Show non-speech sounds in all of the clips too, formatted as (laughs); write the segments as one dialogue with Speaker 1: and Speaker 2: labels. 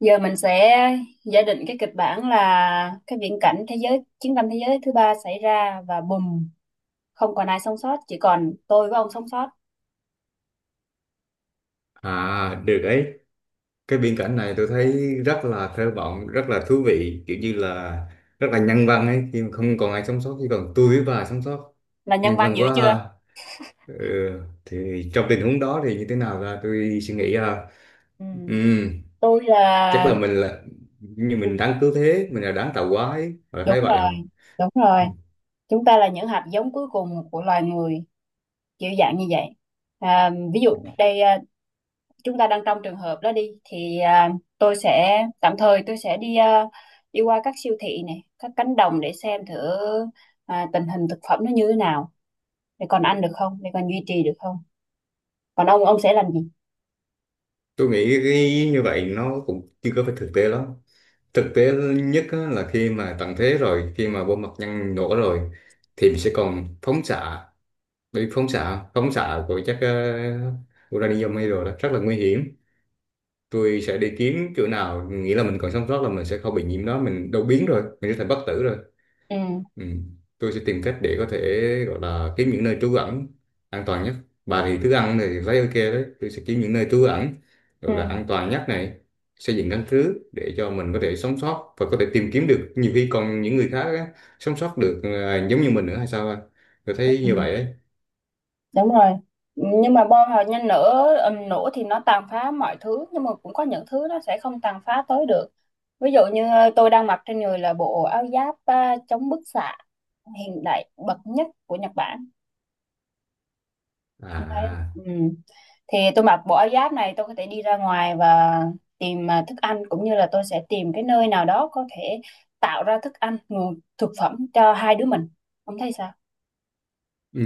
Speaker 1: Giờ mình sẽ giả định cái kịch bản là cái viễn cảnh thế giới chiến tranh thế giới thứ ba xảy ra và bùm, không còn ai sống sót, chỉ còn tôi với ông sống sót.
Speaker 2: À, được ấy. Cái biên cảnh này tôi thấy rất là thơ vọng, rất là thú vị, kiểu như là rất là nhân văn ấy, khi mà không còn ai sống sót, chỉ còn tôi với bà sống sót.
Speaker 1: Là nhân
Speaker 2: Nhân
Speaker 1: văn
Speaker 2: văn
Speaker 1: dữ
Speaker 2: quá
Speaker 1: chưa?
Speaker 2: ha. Ừ, thì trong tình huống đó thì như thế nào ra tôi suy nghĩ ha.
Speaker 1: Ừ.
Speaker 2: Ừm,
Speaker 1: Tôi
Speaker 2: chắc
Speaker 1: là
Speaker 2: là mình là như mình đáng cứu thế, mình là đáng tạo hóa ấy, bà
Speaker 1: đúng
Speaker 2: thấy vậy không?
Speaker 1: rồi, đúng rồi. Chúng ta là những hạt giống cuối cùng của loài người, kiểu dạng như vậy. À, ví dụ
Speaker 2: Ừ.
Speaker 1: đây chúng ta đang trong trường hợp đó đi thì tôi sẽ tạm thời tôi sẽ đi à, đi qua các siêu thị này, các cánh đồng để xem thử tình hình thực phẩm nó như thế nào, để còn ăn được không, để còn duy trì được không, còn ông sẽ làm gì?
Speaker 2: Tôi nghĩ cái như vậy nó cũng chưa có phải thực tế lắm. Thực tế nhất á, là khi mà tận thế rồi, khi mà bom hạt nhân nổ rồi, thì mình sẽ còn phóng xạ, bị phóng xạ, của chất uranium hay rồi đó, rất là nguy hiểm. Tôi sẽ đi kiếm chỗ nào nghĩ là mình còn sống sót, là mình sẽ không bị nhiễm đó, mình đâu biến rồi mình sẽ thành bất tử rồi.
Speaker 1: Ừ.
Speaker 2: Ừ. Tôi sẽ tìm cách để có thể gọi là kiếm những nơi trú ẩn an toàn nhất. Bà thì thức ăn thì thấy ok đấy. Tôi sẽ kiếm những nơi trú ẩn
Speaker 1: Ừ.
Speaker 2: gọi là an toàn nhất này, xây dựng căn cứ để cho mình có thể sống sót, và có thể tìm kiếm được nhiều khi còn những người khác á, sống sót được à, giống như mình nữa hay sao anh? Tôi
Speaker 1: Ừ,
Speaker 2: thấy như vậy đấy.
Speaker 1: đúng rồi, nhưng mà bom hạt nhân nổ, nổ thì nó tàn phá mọi thứ, nhưng mà cũng có những thứ nó sẽ không tàn phá tới được. Ví dụ như tôi đang mặc trên người là bộ áo giáp chống bức xạ hiện đại bậc nhất của Nhật Bản. Đấy.
Speaker 2: À.
Speaker 1: Ừ. Thì tôi mặc bộ áo giáp này, tôi có thể đi ra ngoài và tìm thức ăn, cũng như là tôi sẽ tìm cái nơi nào đó có thể tạo ra thức ăn, nguồn thực phẩm cho hai đứa mình. Ông thấy sao?
Speaker 2: Ừ.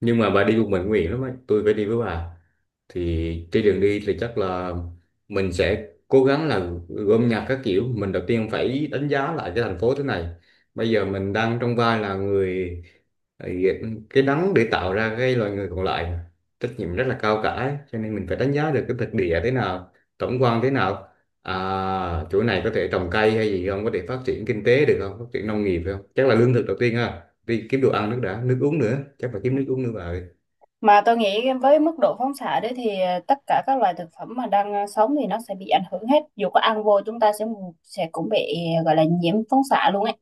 Speaker 2: Nhưng mà bà đi một mình nguy hiểm lắm ấy. Tôi phải đi với bà. Thì trên đường đi thì chắc là mình sẽ cố gắng là gom nhặt các kiểu. Mình đầu tiên phải đánh giá lại cái thành phố thế này. Bây giờ mình đang trong vai là người cái nắng để tạo ra cái loài người còn lại. Trách nhiệm rất là cao cả ấy. Cho nên mình phải đánh giá được cái thực địa thế nào, tổng quan thế nào. À, chỗ này có thể trồng cây hay gì không? Có thể phát triển kinh tế được không? Phát triển nông nghiệp được không? Chắc là lương thực đầu tiên ha, đi kiếm đồ ăn, nước đã, nước uống nữa, chắc phải kiếm nước uống nữa bà ơi.
Speaker 1: Mà tôi nghĩ với mức độ phóng xạ đấy thì tất cả các loài thực phẩm mà đang sống thì nó sẽ bị ảnh hưởng hết. Dù có ăn vô, chúng ta sẽ cũng bị gọi là nhiễm phóng xạ luôn ấy.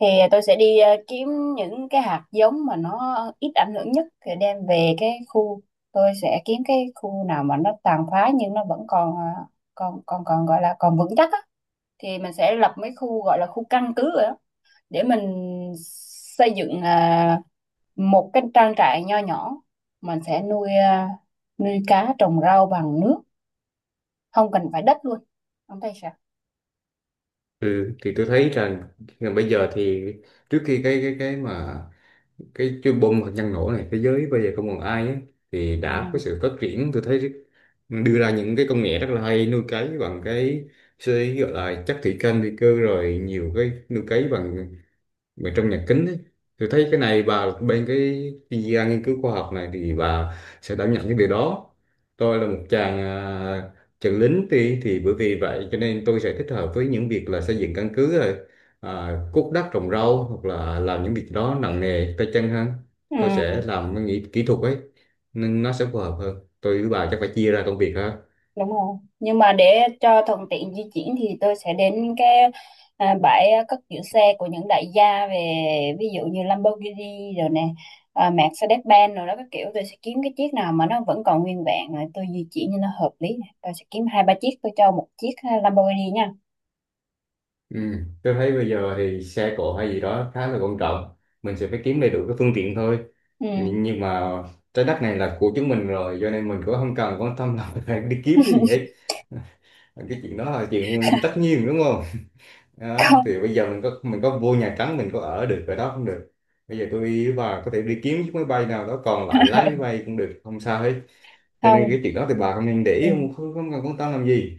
Speaker 1: Thì tôi sẽ đi kiếm những cái hạt giống mà nó ít ảnh hưởng nhất thì đem về cái khu, tôi sẽ kiếm cái khu nào mà nó tàn phá nhưng nó vẫn còn còn gọi là còn vững chắc á, thì mình sẽ lập mấy khu gọi là khu căn cứ rồi đó, để mình xây dựng một cái trang trại nho nhỏ, mình sẽ nuôi nuôi cá trồng rau bằng nước, không cần phải đất luôn. Ông thấy sao?
Speaker 2: Ừ, thì tôi thấy rằng là bây giờ thì trước khi cái mà cái chuyên bom hạt nhân nổ này, thế giới bây giờ không còn ai ấy, thì đã có
Speaker 1: Ừ.
Speaker 2: sự phát triển, tôi thấy đưa ra những cái công nghệ rất là hay, nuôi cấy bằng cái gọi là chất thủy canh vi cơ, rồi nhiều cái nuôi cấy bằng mà trong nhà kính ấy, tôi thấy cái này bà bên cái chuyên gia nghiên cứu khoa học này thì bà sẽ đảm nhận cái điều đó. Tôi là một chàng lính thì bởi vì vậy cho nên tôi sẽ thích hợp với những việc là xây dựng căn cứ rồi à, cuốc đất trồng rau, hoặc là làm những việc đó nặng nề tay chân hơn. Tôi
Speaker 1: Ừ,
Speaker 2: sẽ làm cái kỹ thuật ấy, nên nó sẽ phù hợp hơn. Tôi với bà chắc phải chia ra công việc ha.
Speaker 1: đúng rồi. Nhưng mà để cho thuận tiện di chuyển thì tôi sẽ đến cái bãi cất giữ xe của những đại gia, về ví dụ như Lamborghini rồi nè, Mercedes-Benz rồi đó các kiểu, tôi sẽ kiếm cái chiếc nào mà nó vẫn còn nguyên vẹn rồi tôi di chuyển cho nó hợp lý nè. Tôi sẽ kiếm hai ba chiếc, tôi cho một chiếc Lamborghini nha.
Speaker 2: Ừ. Tôi thấy bây giờ thì xe cộ hay gì đó khá là quan trọng, mình sẽ phải kiếm đầy đủ cái phương tiện thôi.
Speaker 1: Ừ.
Speaker 2: Nhưng mà trái đất này là của chúng mình rồi, cho nên mình cũng không cần quan tâm là (laughs) phải đi kiếm cái gì
Speaker 1: (laughs)
Speaker 2: hết. Ờ, cái chuyện đó là chuyện tất nhiên, đúng không? Đó,
Speaker 1: Không.
Speaker 2: thì bây giờ mình có vô Nhà Trắng mình có ở được ở đó không được. Bây giờ tôi và có thể đi kiếm chiếc máy bay nào đó còn lại, lái máy bay cũng được, không sao hết. Cho nên
Speaker 1: Không.
Speaker 2: cái chuyện đó thì bà không nên để
Speaker 1: Ừ.
Speaker 2: ý, không cần quan tâm làm gì.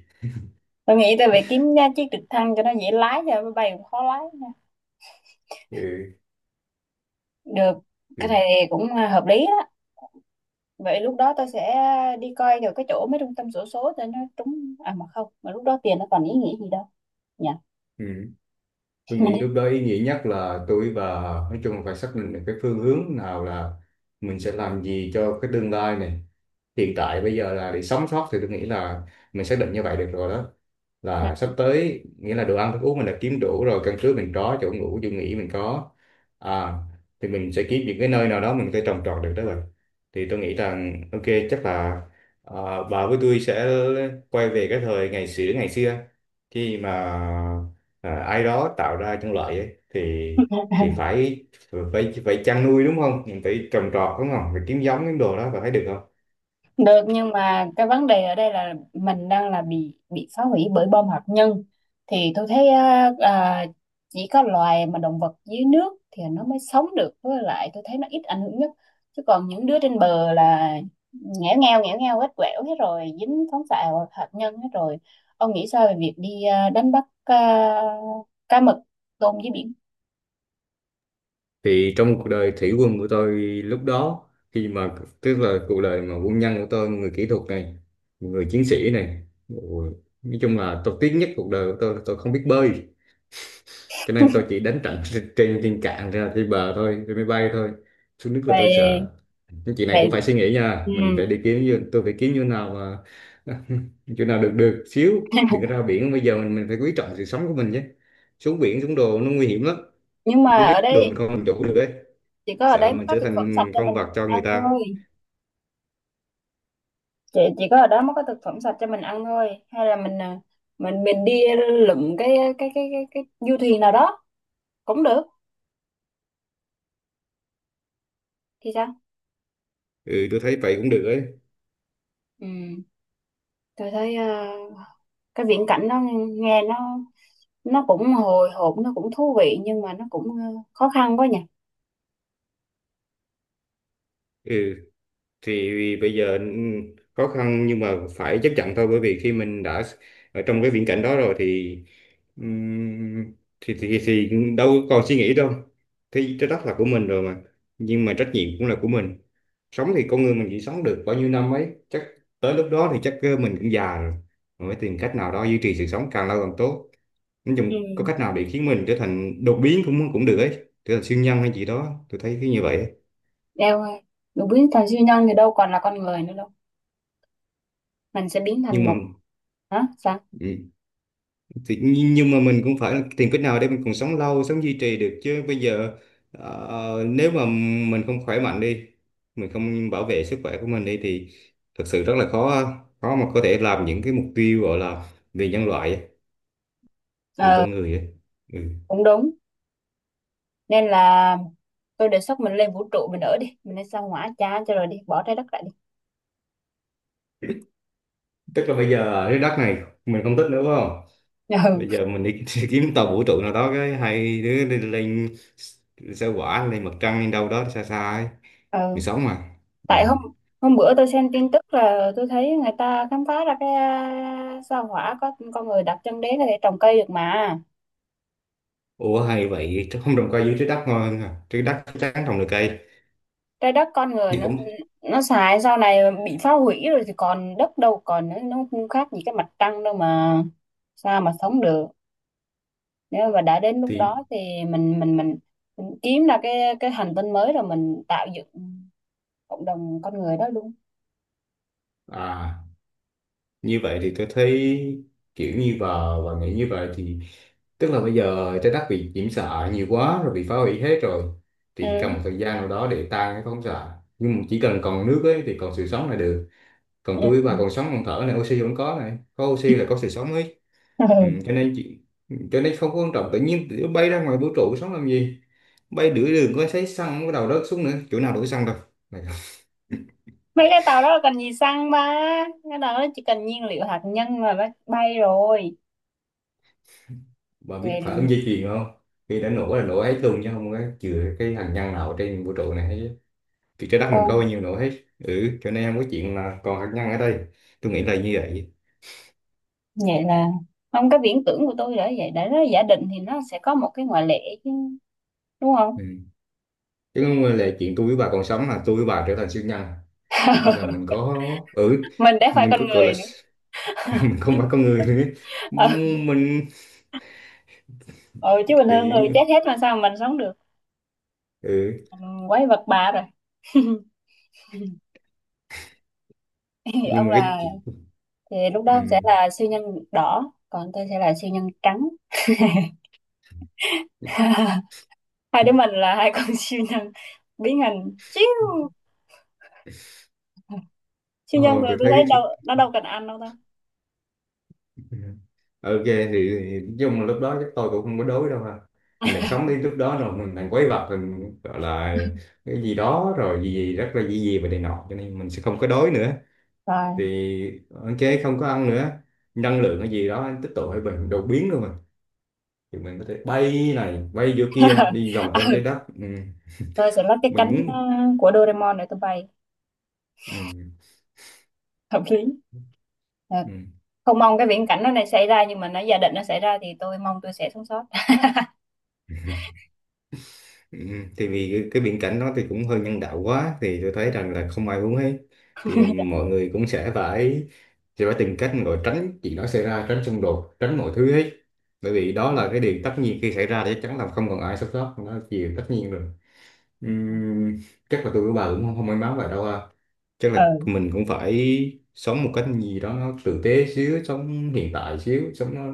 Speaker 1: Tôi nghĩ tôi phải kiếm ra chiếc trực thăng cho nó dễ lái, cho máy bay cũng khó lái nha.
Speaker 2: Ừ.
Speaker 1: Được, cái
Speaker 2: Ừ.
Speaker 1: này cũng hợp lý đó. Vậy lúc đó tôi sẽ đi coi được cái chỗ mấy trung tâm xổ số cho nó trúng, à mà không, mà lúc đó tiền nó còn ý nghĩa gì đâu nhỉ.
Speaker 2: Ừ. Tôi nghĩ lúc đó ý nghĩa nhất là tôi và nói chung là phải xác định được cái phương hướng nào là mình sẽ làm gì cho cái tương lai này. Hiện tại bây giờ là để sống sót, thì tôi nghĩ là mình xác định như vậy được rồi đó, là sắp tới nghĩa là đồ ăn thức uống mình đã kiếm đủ rồi, căn cứ mình có, chỗ ngủ chỗ nghỉ mình có à, thì mình sẽ kiếm những cái nơi nào đó mình có thể trồng trọt được đó rồi, thì tôi nghĩ rằng ok, chắc là à, bà với tôi sẽ quay về cái thời ngày xưa ngày xưa, khi mà à, ai đó tạo ra trong loại ấy, thì phải phải phải chăn nuôi đúng không, mình phải trồng trọt đúng không, phải kiếm giống những đồ đó, và thấy được không?
Speaker 1: Được, nhưng mà cái vấn đề ở đây là mình đang là bị phá hủy bởi bom hạt nhân thì tôi thấy á, chỉ có loài mà động vật dưới nước thì nó mới sống được, với lại tôi thấy nó ít ảnh hưởng nhất, chứ còn những đứa trên bờ là nghẽo ngeo hết, quẻo hết rồi, dính phóng xạ hạt nhân hết rồi. Ông nghĩ sao về việc đi đánh bắt cá mực tôm dưới biển?
Speaker 2: Thì trong cuộc đời thủy quân của tôi lúc đó, khi mà tức là cuộc đời mà quân nhân của tôi, người kỹ thuật này, người chiến sĩ này, ôi, nói chung là tôi tiếc nhất cuộc đời của tôi là tôi không biết bơi, cho nên tôi chỉ đánh trận trên trên trên cạn ra trên bờ thôi, trên máy bay thôi. Xuống nước là tôi
Speaker 1: Vậy.
Speaker 2: sợ. Nhưng chị này
Speaker 1: Vậy.
Speaker 2: cũng phải suy nghĩ nha,
Speaker 1: Ừ.
Speaker 2: mình phải đi kiếm, như tôi phải kiếm như nào mà (laughs) chỗ nào được được xíu. Đừng có ra biển bây giờ, mình phải quý trọng sự sống của mình chứ. Xuống biển xuống đồ nó nguy hiểm lắm.
Speaker 1: Nhưng mà
Speaker 2: Đi nước
Speaker 1: ở
Speaker 2: đồ mình
Speaker 1: đây
Speaker 2: không làm chủ được ấy.
Speaker 1: chỉ có ở đấy
Speaker 2: Sợ
Speaker 1: mới
Speaker 2: mình
Speaker 1: có
Speaker 2: trở
Speaker 1: thực phẩm sạch
Speaker 2: thành
Speaker 1: cho
Speaker 2: con
Speaker 1: mình
Speaker 2: vật cho
Speaker 1: ăn
Speaker 2: người ta.
Speaker 1: thôi. Chị chỉ có ở đó mới có thực phẩm sạch cho mình ăn thôi, hay là mình mình đi lượm cái du thuyền nào đó cũng được thì sao?
Speaker 2: Ừ, tôi thấy vậy cũng được ấy.
Speaker 1: Ừ. Tôi thấy cái viễn cảnh nó nghe nó cũng hồi hộp, nó cũng thú vị, nhưng mà nó cũng khó khăn quá nhỉ.
Speaker 2: Ừ, thì bây giờ ừ, khó khăn nhưng mà phải chấp nhận thôi, bởi vì khi mình đã ở trong cái viễn cảnh đó rồi thì ừm, thì đâu còn suy nghĩ đâu, thì trái đất là của mình rồi mà, nhưng mà trách nhiệm cũng là của mình. Sống thì con người mình chỉ sống được bao nhiêu năm ấy, chắc tới lúc đó thì chắc ờ, mình cũng già rồi. Mình phải tìm cách nào đó duy trì sự sống càng lâu càng tốt. Nói
Speaker 1: Ừ.
Speaker 2: chung có cách nào để khiến mình trở thành đột biến cũng cũng được ấy, trở thành siêu nhân hay gì đó, tôi thấy cái như vậy ấy.
Speaker 1: Đeo đủ biến thành siêu nhân thì đâu còn là con người nữa đâu. Mình sẽ biến
Speaker 2: Nhưng
Speaker 1: thành
Speaker 2: mà
Speaker 1: một, hả sao?
Speaker 2: ừ, thì nhưng mà mình cũng phải tìm cách nào để mình còn sống lâu, sống duy trì được chứ. Bây giờ nếu mà mình không khỏe mạnh đi, mình không bảo vệ sức khỏe của mình đi, thì thật sự rất là khó, khó mà có thể làm những cái mục tiêu gọi là vì nhân loại ấy, vì
Speaker 1: Ờ,
Speaker 2: con người ấy. Ừ.
Speaker 1: cũng đúng. Nên là tôi đề xuất mình lên vũ trụ mình ở đi, mình lên sao Hỏa cha cho rồi đi, bỏ trái đất lại,
Speaker 2: Tức là bây giờ cái đất này mình không thích nữa phải không?
Speaker 1: đi.
Speaker 2: Bây giờ
Speaker 1: (laughs)
Speaker 2: mình đi (laughs) kiếm tàu vũ trụ nào đó, cái hai đứa đi lên sao hỏa, lên mặt trăng, lên đâu đó xa xa ấy, mình
Speaker 1: Ừ,
Speaker 2: sống mà. Ừ.
Speaker 1: tại hôm hôm bữa tôi xem tin tức là tôi thấy người ta khám phá ra cái sao Hỏa có con người đặt chân đến là để trồng cây được mà.
Speaker 2: Ủa hay vậy chứ, không trồng cây dưới trái đất ngon hơn à? Trái đất chắc chắn trồng được cây.
Speaker 1: Trái đất con người
Speaker 2: Thì cũng
Speaker 1: nó xài sau này bị phá hủy rồi thì còn đất đâu còn, nó không khác gì cái mặt trăng đâu mà, sao mà sống được. Nếu mà đã đến lúc
Speaker 2: thì
Speaker 1: đó thì mình mình mình, mình kiếm ra cái hành tinh mới rồi mình tạo dựng cộng đồng con người đó luôn.
Speaker 2: à, như vậy thì tôi thấy kiểu như và nghĩ như vậy thì tức là bây giờ trái đất bị nhiễm xạ nhiều quá rồi, bị phá hủy hết rồi, thì
Speaker 1: Ừ.
Speaker 2: cần một thời gian nào đó để tan cái phóng xạ, nhưng mà chỉ cần còn nước ấy thì còn sự sống là được. Còn tôi và còn sống còn thở này, oxy vẫn có này, có oxy là có sự sống ấy. Ừ,
Speaker 1: Ừ. (laughs)
Speaker 2: cho nên chị cho nên không có quan trọng, tự nhiên tụi bay ra ngoài vũ trụ sống làm gì, bay nửa đường có thấy xăng cái đầu rớt xuống nữa, chỗ nào đổ xăng đâu.
Speaker 1: Mấy cái tàu đó là cần gì xăng ba, cái tàu đó chỉ cần nhiên liệu hạt nhân là nó bay rồi.
Speaker 2: Bà biết phản
Speaker 1: Vậy.
Speaker 2: ứng dây chuyền không? Khi đã nổ là nổ hết luôn, chứ không có chừa cái hạt nhân nào trên vũ trụ này hết chứ. Thì trái đất mình
Speaker 1: Ừ.
Speaker 2: có bao nhiêu nổ hết. Ừ, cho nên không có chuyện là còn hạt nhân ở đây, tôi nghĩ là như vậy.
Speaker 1: Vậy là không, cái viễn tưởng của tôi là vậy, để nó giả định thì nó sẽ có một cái ngoại lệ chứ, đúng không.
Speaker 2: Ừ. Chứ không là chuyện tôi với bà còn sống là tôi với bà trở thành siêu nhân, kiểu như là mình có ừ
Speaker 1: Mình đã phải
Speaker 2: mình có
Speaker 1: con
Speaker 2: gọi là
Speaker 1: người nữa.
Speaker 2: (laughs) mình không phải con người nữa.
Speaker 1: Ừ,
Speaker 2: Mình
Speaker 1: ừ, chứ bình
Speaker 2: thì
Speaker 1: thường
Speaker 2: giống
Speaker 1: người
Speaker 2: như
Speaker 1: chết hết mà sao mình sống được.
Speaker 2: ừ,
Speaker 1: Mình quái vật bà rồi. (laughs) Thì
Speaker 2: nhưng
Speaker 1: ông
Speaker 2: mà cái
Speaker 1: là,
Speaker 2: chị
Speaker 1: thì lúc đó
Speaker 2: ừ.
Speaker 1: ông sẽ là siêu nhân đỏ, còn tôi sẽ là siêu nhân trắng. (laughs) Hai đứa mình là hai con siêu nhân biến hình chiếu siêu nhân
Speaker 2: Ồ,
Speaker 1: rồi,
Speaker 2: tôi
Speaker 1: tôi
Speaker 2: thấy
Speaker 1: thấy
Speaker 2: cái
Speaker 1: đâu
Speaker 2: chiếc
Speaker 1: nó đâu cần ăn đâu ta.
Speaker 2: ừ. Ok thì, nói chung là lúc đó chắc tôi cũng không có đối đâu ha, mình đang sống đến lúc đó rồi, mình đang quấy vật mình gọi là cái gì đó rồi, gì gì rất là gì gì và này nọ, cho nên mình sẽ không có đói nữa,
Speaker 1: Rồi.
Speaker 2: thì ok không có ăn nữa. Năng lượng cái gì đó tích tụ hay mình đột biến luôn rồi, thì mình có thể bay này bay vô kia
Speaker 1: (laughs)
Speaker 2: đi vòng
Speaker 1: À,
Speaker 2: quanh trái đất. Ừ.
Speaker 1: tôi sẽ lắp cái
Speaker 2: Mình
Speaker 1: cánh
Speaker 2: muốn
Speaker 1: của Doraemon để tôi bay.
Speaker 2: ừ.
Speaker 1: Hợp lý. Ờ,
Speaker 2: Ừ.
Speaker 1: không mong cái viễn cảnh nó này xảy ra, nhưng mà nó giả định nó xảy ra thì tôi mong tôi sẽ sống sót.
Speaker 2: Ừ, thì cái viễn cảnh đó thì cũng hơi nhân đạo quá, thì tôi thấy rằng là không ai muốn ấy, thì mọi người cũng sẽ phải tìm cách gọi tránh chuyện đó xảy ra, tránh xung đột, tránh mọi thứ hết, bởi vì đó là cái điều tất nhiên. Khi xảy ra thì chắc chắn là không còn ai sống sót, nó là điều tất nhiên rồi. Ừm, chắc là tôi với bà cũng không may mắn vậy đâu ha. Chắc là
Speaker 1: Ừ,
Speaker 2: mình cũng phải sống một cách gì đó nó tử tế xíu, sống hiện tại xíu, sống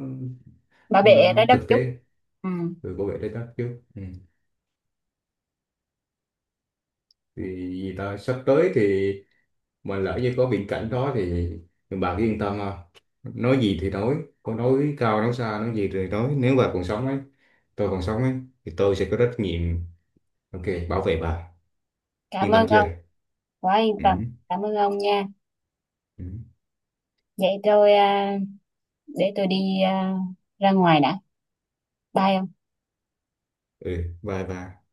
Speaker 1: bảo vệ
Speaker 2: nó
Speaker 1: trái đất
Speaker 2: thực
Speaker 1: chút.
Speaker 2: tế,
Speaker 1: Ừ.
Speaker 2: rồi bảo vệ trái đất chứ. Ừ. Thì vì ta sắp tới thì mà lỡ như có viễn cảnh đó thì bà cứ yên tâm ha. Nói gì thì nói, có nói cao nói xa nói gì thì nói, nếu bà còn sống ấy, tôi còn sống ấy, thì tôi sẽ có trách nhiệm ok bảo vệ bà.
Speaker 1: Cảm
Speaker 2: Yên
Speaker 1: ơn
Speaker 2: tâm chưa?
Speaker 1: ông. Quá yên
Speaker 2: Ừ.
Speaker 1: tâm. Cảm ơn ông nha.
Speaker 2: Ừ,
Speaker 1: Vậy tôi để tôi đi ra ngoài đã. Bye ông.
Speaker 2: ừ, bye bye.